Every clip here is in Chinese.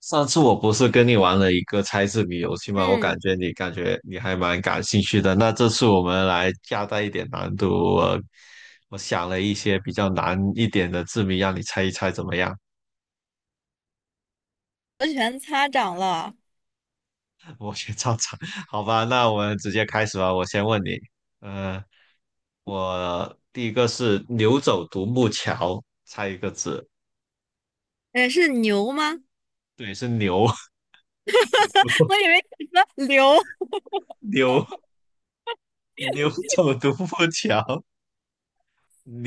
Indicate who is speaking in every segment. Speaker 1: 上次我不是跟你玩了一个猜字谜游戏吗？我感
Speaker 2: 嗯，
Speaker 1: 觉你感觉你还蛮感兴趣的。那这次我们来加大一点难度，我我想了一些比较难一点的字谜，让你猜一猜怎么样？
Speaker 2: 我全擦掌了。
Speaker 1: 我先照猜，好吧？那我们直接开始吧。我先问你，嗯，我第一个是牛走独木桥，猜一个字，
Speaker 2: 是牛吗？
Speaker 1: 对，是牛，
Speaker 2: 我 以为你说牛
Speaker 1: 牛，牛走独木桥，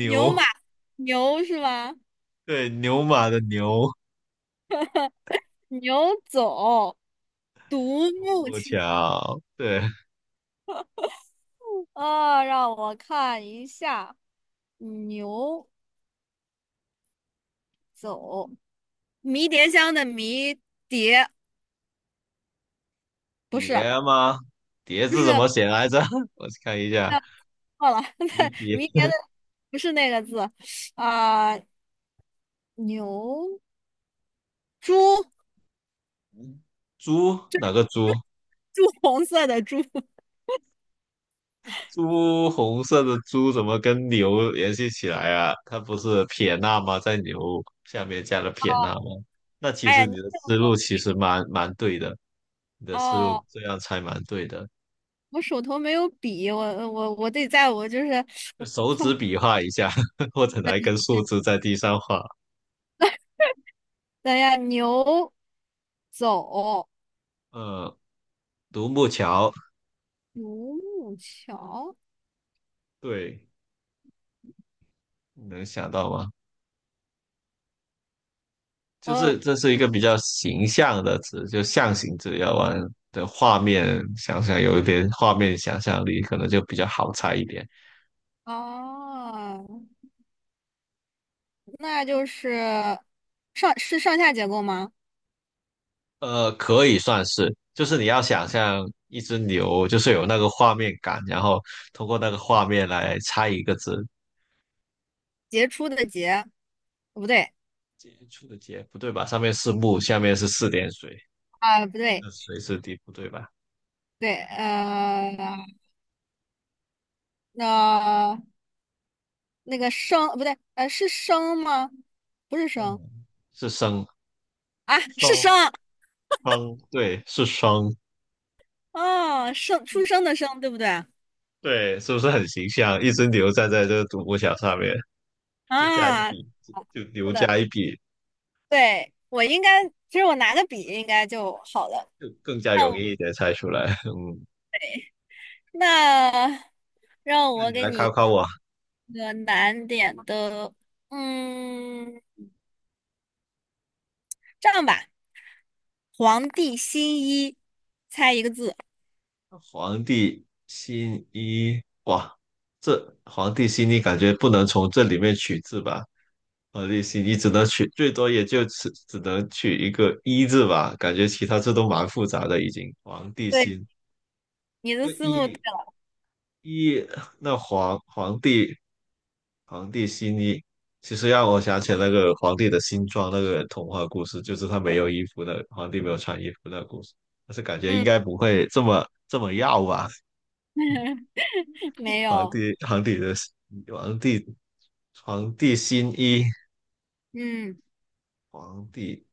Speaker 2: 牛马牛是吗？
Speaker 1: 对，牛马的牛。
Speaker 2: 牛走独木
Speaker 1: 木
Speaker 2: 桥。
Speaker 1: 桥，对，
Speaker 2: 啊、让我看一下，牛走迷迭香的迷迭不是，
Speaker 1: 爷吗？蝶
Speaker 2: 不
Speaker 1: 字
Speaker 2: 是，
Speaker 1: 怎么写来着？我看一下，
Speaker 2: 那错了，
Speaker 1: 鱼
Speaker 2: 那
Speaker 1: 蝶，
Speaker 2: 迷迭的不是那个字啊、牛猪
Speaker 1: 猪哪个猪？
Speaker 2: 猪红色的猪。
Speaker 1: 猪红色的猪怎么跟牛联系起来啊？它不是撇捺吗？在牛下面加了撇捺吗？那其
Speaker 2: 哎呀，
Speaker 1: 实
Speaker 2: 你
Speaker 1: 你
Speaker 2: 骗
Speaker 1: 的思路
Speaker 2: 我
Speaker 1: 其实蛮对的，你的思路
Speaker 2: 哦。
Speaker 1: 这样猜蛮对的。
Speaker 2: 我手头没有笔，我得在我就是
Speaker 1: 就
Speaker 2: 我
Speaker 1: 手
Speaker 2: 看，
Speaker 1: 指比划一下，或者拿一根树枝在地上画。
Speaker 2: 等一下，牛走
Speaker 1: 呃，独木桥，
Speaker 2: 独木桥，
Speaker 1: 对，你能想到吗？就是
Speaker 2: 哦
Speaker 1: 这是一个比较形象的词，就象形字，要玩的画面想想，有一点画面想象力，可能就比较好猜一点。
Speaker 2: 哦，那就是上下结构吗？
Speaker 1: 呃，可以算是，就是你要想象一只牛，就是有那个画面感，然后通过那个画面来猜一个字。
Speaker 2: 杰出的杰，不对
Speaker 1: 接触的接不对吧？上面是木，下面是四点水，
Speaker 2: 啊，不
Speaker 1: 这
Speaker 2: 对，
Speaker 1: 个水是底不对吧？
Speaker 2: 对，那那个生不对，是生吗？不是生
Speaker 1: 嗯，是生
Speaker 2: 啊，是
Speaker 1: 双
Speaker 2: 生
Speaker 1: 双，对，是双，
Speaker 2: 啊，生出生的生，对不对？
Speaker 1: 对，是不是很形象？一只牛站在这个独木桥上面。就加一
Speaker 2: 啊，
Speaker 1: 笔，就
Speaker 2: 是
Speaker 1: 留
Speaker 2: 的。
Speaker 1: 加一笔，
Speaker 2: 对，我应该，其实我拿个笔应该就好了。
Speaker 1: 就更加
Speaker 2: 那
Speaker 1: 容
Speaker 2: 我
Speaker 1: 易一点猜出来。嗯，
Speaker 2: 那让
Speaker 1: 那
Speaker 2: 我
Speaker 1: 你
Speaker 2: 给
Speaker 1: 来考
Speaker 2: 你
Speaker 1: 考我，
Speaker 2: 一个难点的，嗯，这样吧，皇帝新衣，猜一个字。
Speaker 1: 皇帝新衣，哇，这皇帝新衣感觉不能从这里面取字吧？皇帝新衣只能取，最多也就只能取一个一字吧，感觉其他字都蛮复杂的已经。皇帝
Speaker 2: 对，
Speaker 1: 新，
Speaker 2: 你的
Speaker 1: 那
Speaker 2: 思路对
Speaker 1: 一
Speaker 2: 了，
Speaker 1: 一那皇帝皇帝新衣，其实让我想起那个皇帝的新装那个童话故事，就是他没有衣服的，皇帝没有穿衣服那个故事。但是感觉应
Speaker 2: 嗯，
Speaker 1: 该不会这么要吧？
Speaker 2: 没
Speaker 1: 皇
Speaker 2: 有，
Speaker 1: 帝皇帝的皇帝皇帝新衣，
Speaker 2: 嗯，
Speaker 1: 皇帝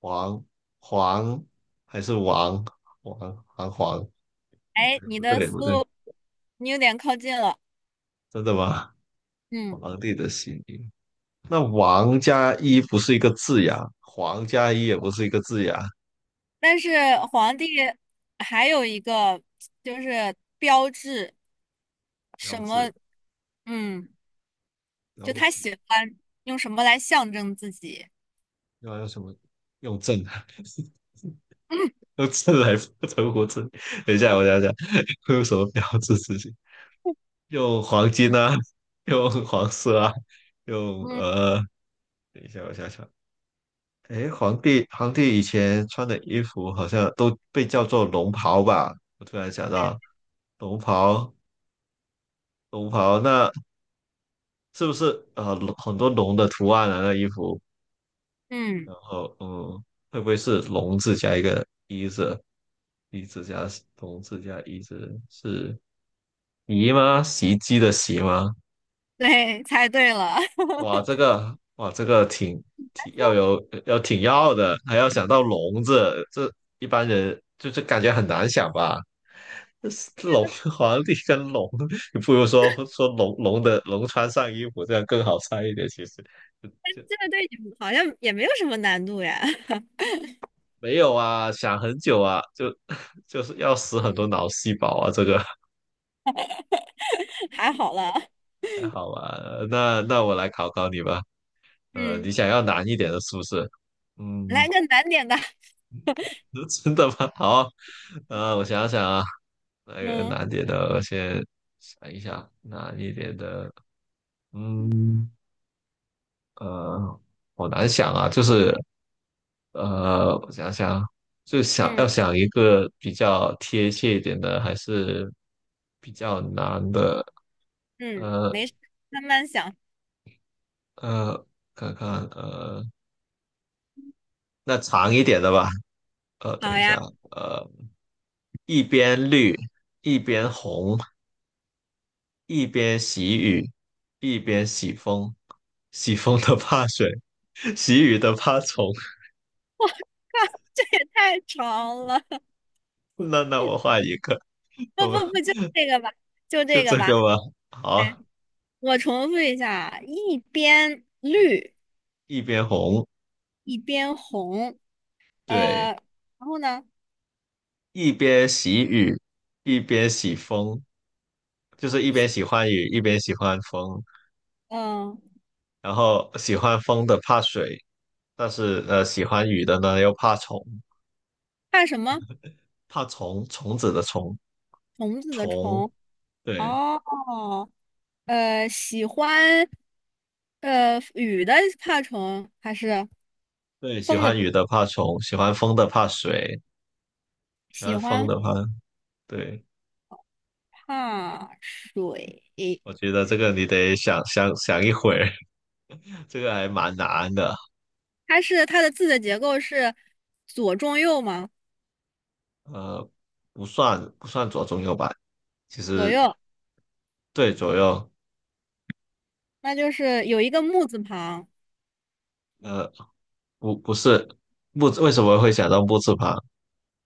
Speaker 1: 皇皇还是王？
Speaker 2: 哎，你
Speaker 1: 不
Speaker 2: 的
Speaker 1: 对
Speaker 2: 思
Speaker 1: 不对，
Speaker 2: 路你有点靠近了，
Speaker 1: 真的吗？
Speaker 2: 嗯，
Speaker 1: 皇帝的新衣，那王加一不是一个字呀，皇加一也不是一个字呀，
Speaker 2: 但是皇帝还有一个就是标志
Speaker 1: 标
Speaker 2: 什么，
Speaker 1: 志。
Speaker 2: 嗯。就
Speaker 1: 标
Speaker 2: 他
Speaker 1: 志。
Speaker 2: 喜欢用什么来象征自己。
Speaker 1: 用还有什么用正啊？
Speaker 2: 嗯
Speaker 1: 用正来存活证？等一下，我想想，会有什么标志事情？用黄金啊，用黄色啊，用
Speaker 2: 嗯，
Speaker 1: 呃，等一下，我想想，诶，皇帝以前穿的衣服好像都被叫做龙袍吧？我突然想到，龙袍，龙袍，那是不是龙很多龙的图案啊？那衣服，
Speaker 2: 嗯，
Speaker 1: 然后嗯，会不会是龙字加一个一字？一字加同字加一字是姨吗？袭击的袭吗？
Speaker 2: 对，猜对了。
Speaker 1: 哇，这个哇，这个挺 要有要挺要的，还要想到笼子，这一般人就是感觉很难想吧。这是龙 皇帝跟龙，你不如说说龙穿上衣服，这样更好猜一点。其实就
Speaker 2: 这个对你好像也没有什么难度呀，
Speaker 1: 没有啊，想很久啊，就 就是要死很多脑细胞啊，这个
Speaker 2: 还好了。
Speaker 1: 还好吧？那我来考考你吧。呃，你
Speaker 2: 嗯，
Speaker 1: 想要难一点的，是不是？嗯，
Speaker 2: 来个难点的。
Speaker 1: 真的吗？好，我想想啊，那个
Speaker 2: 嗯
Speaker 1: 难点的，我先想一想，难一点的，嗯，呃，好难想啊，就是呃，我想想，就想要
Speaker 2: 嗯
Speaker 1: 想一个比较贴切一点的，还是比较难的，
Speaker 2: 嗯，
Speaker 1: 呃
Speaker 2: 没事，慢慢想。
Speaker 1: 呃，看看，呃，那长一点的吧，呃，等
Speaker 2: 好
Speaker 1: 一下，
Speaker 2: 呀，
Speaker 1: 呃。一边绿，一边红，一边喜雨，一边喜风。喜风的怕水，喜雨的怕虫。
Speaker 2: 这也太长了。
Speaker 1: 那我画一个，
Speaker 2: 不
Speaker 1: 我们
Speaker 2: 不不，就这个吧，就
Speaker 1: 就
Speaker 2: 这个
Speaker 1: 这
Speaker 2: 吧。
Speaker 1: 个吧。好，
Speaker 2: 我重复一下啊，一边绿
Speaker 1: 一边红，
Speaker 2: 一边红，
Speaker 1: 对，
Speaker 2: 然后呢，
Speaker 1: 一边喜雨，一边喜风，就是一边喜欢雨，一边喜欢风。
Speaker 2: 嗯、
Speaker 1: 然后喜欢风的怕水，但是喜欢雨的呢又怕虫，
Speaker 2: 看什么？
Speaker 1: 怕虫，虫子的虫，
Speaker 2: 虫子的
Speaker 1: 虫，
Speaker 2: 虫，
Speaker 1: 对。
Speaker 2: 哦，喜欢雨的怕虫还是
Speaker 1: 对，喜
Speaker 2: 风的？
Speaker 1: 欢雨的怕虫，喜欢风的怕水，喜
Speaker 2: 喜
Speaker 1: 欢风
Speaker 2: 欢
Speaker 1: 的怕……对，
Speaker 2: 怕水，
Speaker 1: 我觉得这个你得想想一会儿，这个还蛮难的。
Speaker 2: 它的字的结构是左中右吗？
Speaker 1: 呃，不算左中右吧，其
Speaker 2: 左
Speaker 1: 实
Speaker 2: 右，
Speaker 1: 对左右，
Speaker 2: 那就是有一个木字旁，
Speaker 1: 呃，不是木，为什么会想到木字旁？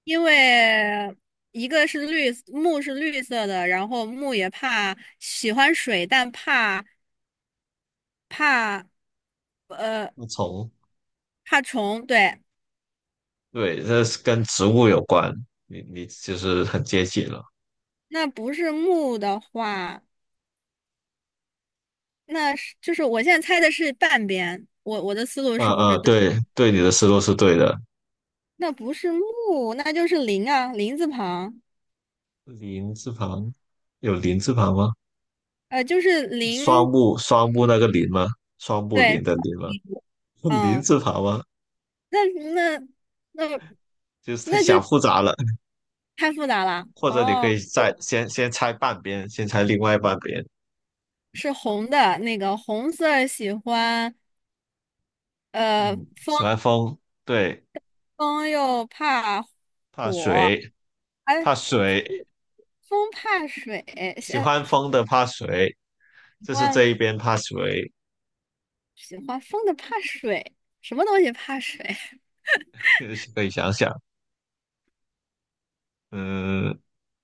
Speaker 2: 因为一个是绿，木是绿色的，然后木也怕喜欢水，但怕呃
Speaker 1: 木虫，
Speaker 2: 怕虫，对，
Speaker 1: 对，这是跟植物有关，你其实很接近了。
Speaker 2: 那不是木的话。就是我现在猜的是半边，我的思路是不是对？
Speaker 1: 对，你的思路是对的。
Speaker 2: 那不是木，那就是林啊，林字旁，
Speaker 1: 林字旁有林字旁吗？
Speaker 2: 就是
Speaker 1: 双
Speaker 2: 林，
Speaker 1: 木双木那个林吗？双木
Speaker 2: 对，
Speaker 1: 林的林吗？林
Speaker 2: 嗯，
Speaker 1: 字旁吗？
Speaker 2: 那那那
Speaker 1: 就是他
Speaker 2: 那就
Speaker 1: 想复杂了，
Speaker 2: 太复杂了。
Speaker 1: 或者你可
Speaker 2: 哦，
Speaker 1: 以再先猜半边，先猜另外半边。
Speaker 2: 是红的，那个红色儿喜欢，呃，
Speaker 1: 嗯，
Speaker 2: 风
Speaker 1: 喜欢风，对，
Speaker 2: 风又怕
Speaker 1: 怕
Speaker 2: 火，
Speaker 1: 水，
Speaker 2: 哎，
Speaker 1: 怕水，
Speaker 2: 风怕水，喜
Speaker 1: 喜欢风的怕水，就是这
Speaker 2: 欢
Speaker 1: 一边怕水，
Speaker 2: 喜欢风的怕水，什么东西怕水？
Speaker 1: 可以想想，嗯，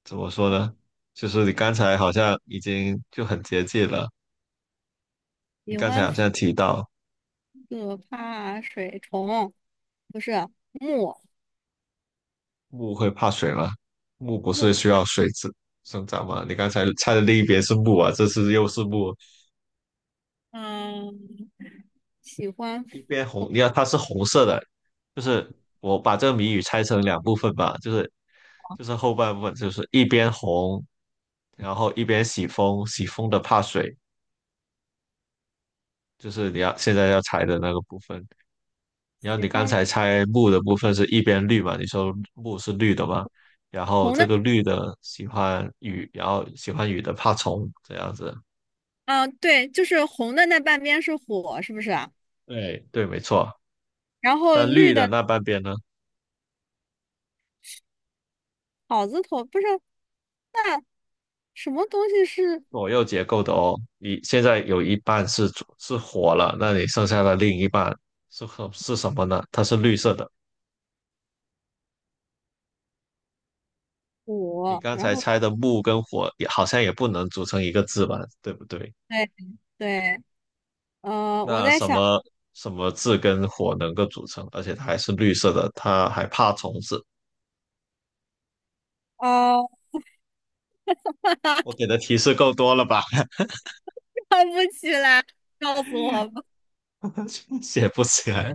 Speaker 1: 怎么说呢？就是你刚才好像已经就很接近了，你
Speaker 2: 喜
Speaker 1: 刚才
Speaker 2: 欢。
Speaker 1: 好像提到。
Speaker 2: 可怕水虫不是木
Speaker 1: 木会怕水吗？木不
Speaker 2: 木，
Speaker 1: 是需要生长吗？你刚才猜的另一边是木啊，这次又是木，
Speaker 2: 嗯，喜欢
Speaker 1: 一边红，
Speaker 2: 风
Speaker 1: 你看它是红色的，就是我把这个谜语拆成两部分吧，就是后半部分就是一边红，然后一边喜风，喜风的怕水，就是你要现在要猜的那个部分。然后
Speaker 2: 喜
Speaker 1: 你刚
Speaker 2: 欢
Speaker 1: 才猜木的部分是一边绿嘛？你说木是绿的嘛？然后
Speaker 2: 红
Speaker 1: 这
Speaker 2: 的，
Speaker 1: 个绿的喜欢雨，然后喜欢雨的怕虫，这样子。
Speaker 2: 啊，对，就是红的那半边是火，是不是啊。
Speaker 1: 对，没错。
Speaker 2: 然后
Speaker 1: 那
Speaker 2: 绿
Speaker 1: 绿的
Speaker 2: 的
Speaker 1: 那半边呢？
Speaker 2: 草字头不是，那什么东西是
Speaker 1: 左右结构的哦，你现在有一半是左是火了，那你剩下的另一半是什么呢？它是绿色的。你
Speaker 2: 火？
Speaker 1: 刚
Speaker 2: 然
Speaker 1: 才
Speaker 2: 后
Speaker 1: 猜的木跟火也好像也不能组成一个字吧，对不对？
Speaker 2: 对对，我
Speaker 1: 那
Speaker 2: 在
Speaker 1: 什
Speaker 2: 想，
Speaker 1: 么什么字跟火能够组成，而且它还是绿色的，它还怕虫子。
Speaker 2: 呃，
Speaker 1: 我给的提示够多了吧？
Speaker 2: 想不起来，告诉我吧。
Speaker 1: 写不起来。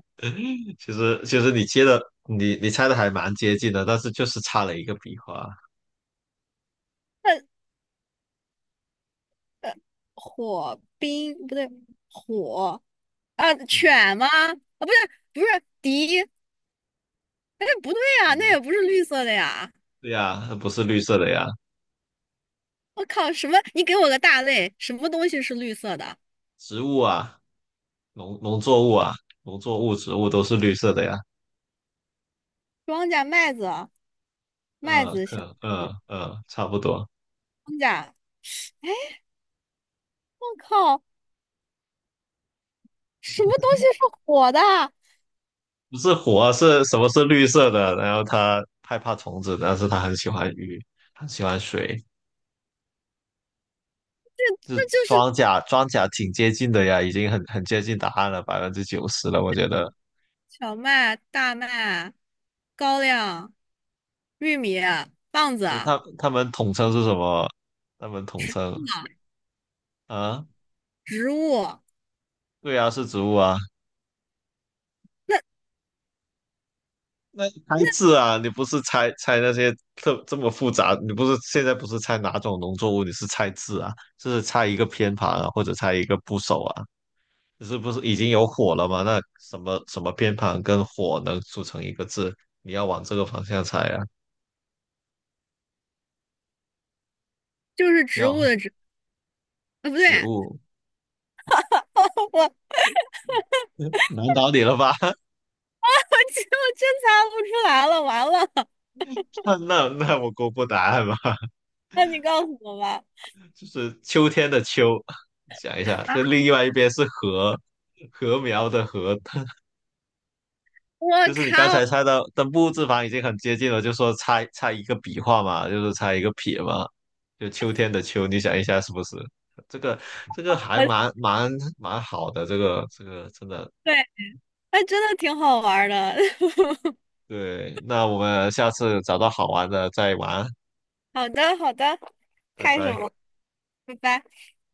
Speaker 1: 其实你接的你猜的还蛮接近的，但是就是差了一个笔画。
Speaker 2: 那火冰不对，火啊，
Speaker 1: 嗯
Speaker 2: 犬吗？啊，不是不是敌。哎，不对呀，那
Speaker 1: 嗯，
Speaker 2: 也不是绿色的呀！
Speaker 1: 对呀，它不是绿色的呀，
Speaker 2: 我靠，什么？你给我个大类，什么东西是绿色的？
Speaker 1: 植物啊，农作物啊，农作物、植物都是绿色的呀。
Speaker 2: 庄稼、麦子、麦
Speaker 1: 嗯，
Speaker 2: 子、小
Speaker 1: 可，差不多。
Speaker 2: 庄稼。我靠，什么东西是火的？
Speaker 1: 不是火啊，是什么是绿色的？然后它害怕虫子，但是它很喜欢鱼，很喜欢水。就是
Speaker 2: 那就是
Speaker 1: 庄稼，庄稼挺接近的呀，已经很接近答案了，90%了，我觉得。
Speaker 2: 小麦、大麦、高粱、玉米、棒子、
Speaker 1: 所以它们统称是什么？它们统称啊，
Speaker 2: 植物，
Speaker 1: 对呀，是植物啊。那你猜字啊，你不是猜那些特这么复杂，你不是现在不是猜哪种农作物，你是猜字啊，就是猜一个偏旁啊，或者猜一个部首啊。你是不是已经有火了吗？那什么偏旁跟火能组成一个字？你要往这个方向猜啊。
Speaker 2: 就是植物
Speaker 1: 要
Speaker 2: 的植。啊，不对，
Speaker 1: 植 物，
Speaker 2: 我我
Speaker 1: 嗯难倒你了吧？
Speaker 2: 真猜不出来了，完了！
Speaker 1: 那我公布答案吧，
Speaker 2: 那你告诉我吧。
Speaker 1: 就是秋天的秋。想一下，
Speaker 2: 啊！
Speaker 1: 这另外一边是禾，禾苗的禾，
Speaker 2: 我
Speaker 1: 就是你刚才
Speaker 2: 靠！
Speaker 1: 猜的，登不字旁已经很接近了，就说猜一个笔画嘛，就是猜一个撇嘛，就秋天的秋，你想一下是不是？这个这个还
Speaker 2: 我
Speaker 1: 蛮好的，这个这个真的
Speaker 2: 对，哎，真的挺好玩儿的。
Speaker 1: 对。那我们下次找到好玩的再玩，
Speaker 2: 好的，好的，
Speaker 1: 拜
Speaker 2: 开什
Speaker 1: 拜。
Speaker 2: 么？拜拜。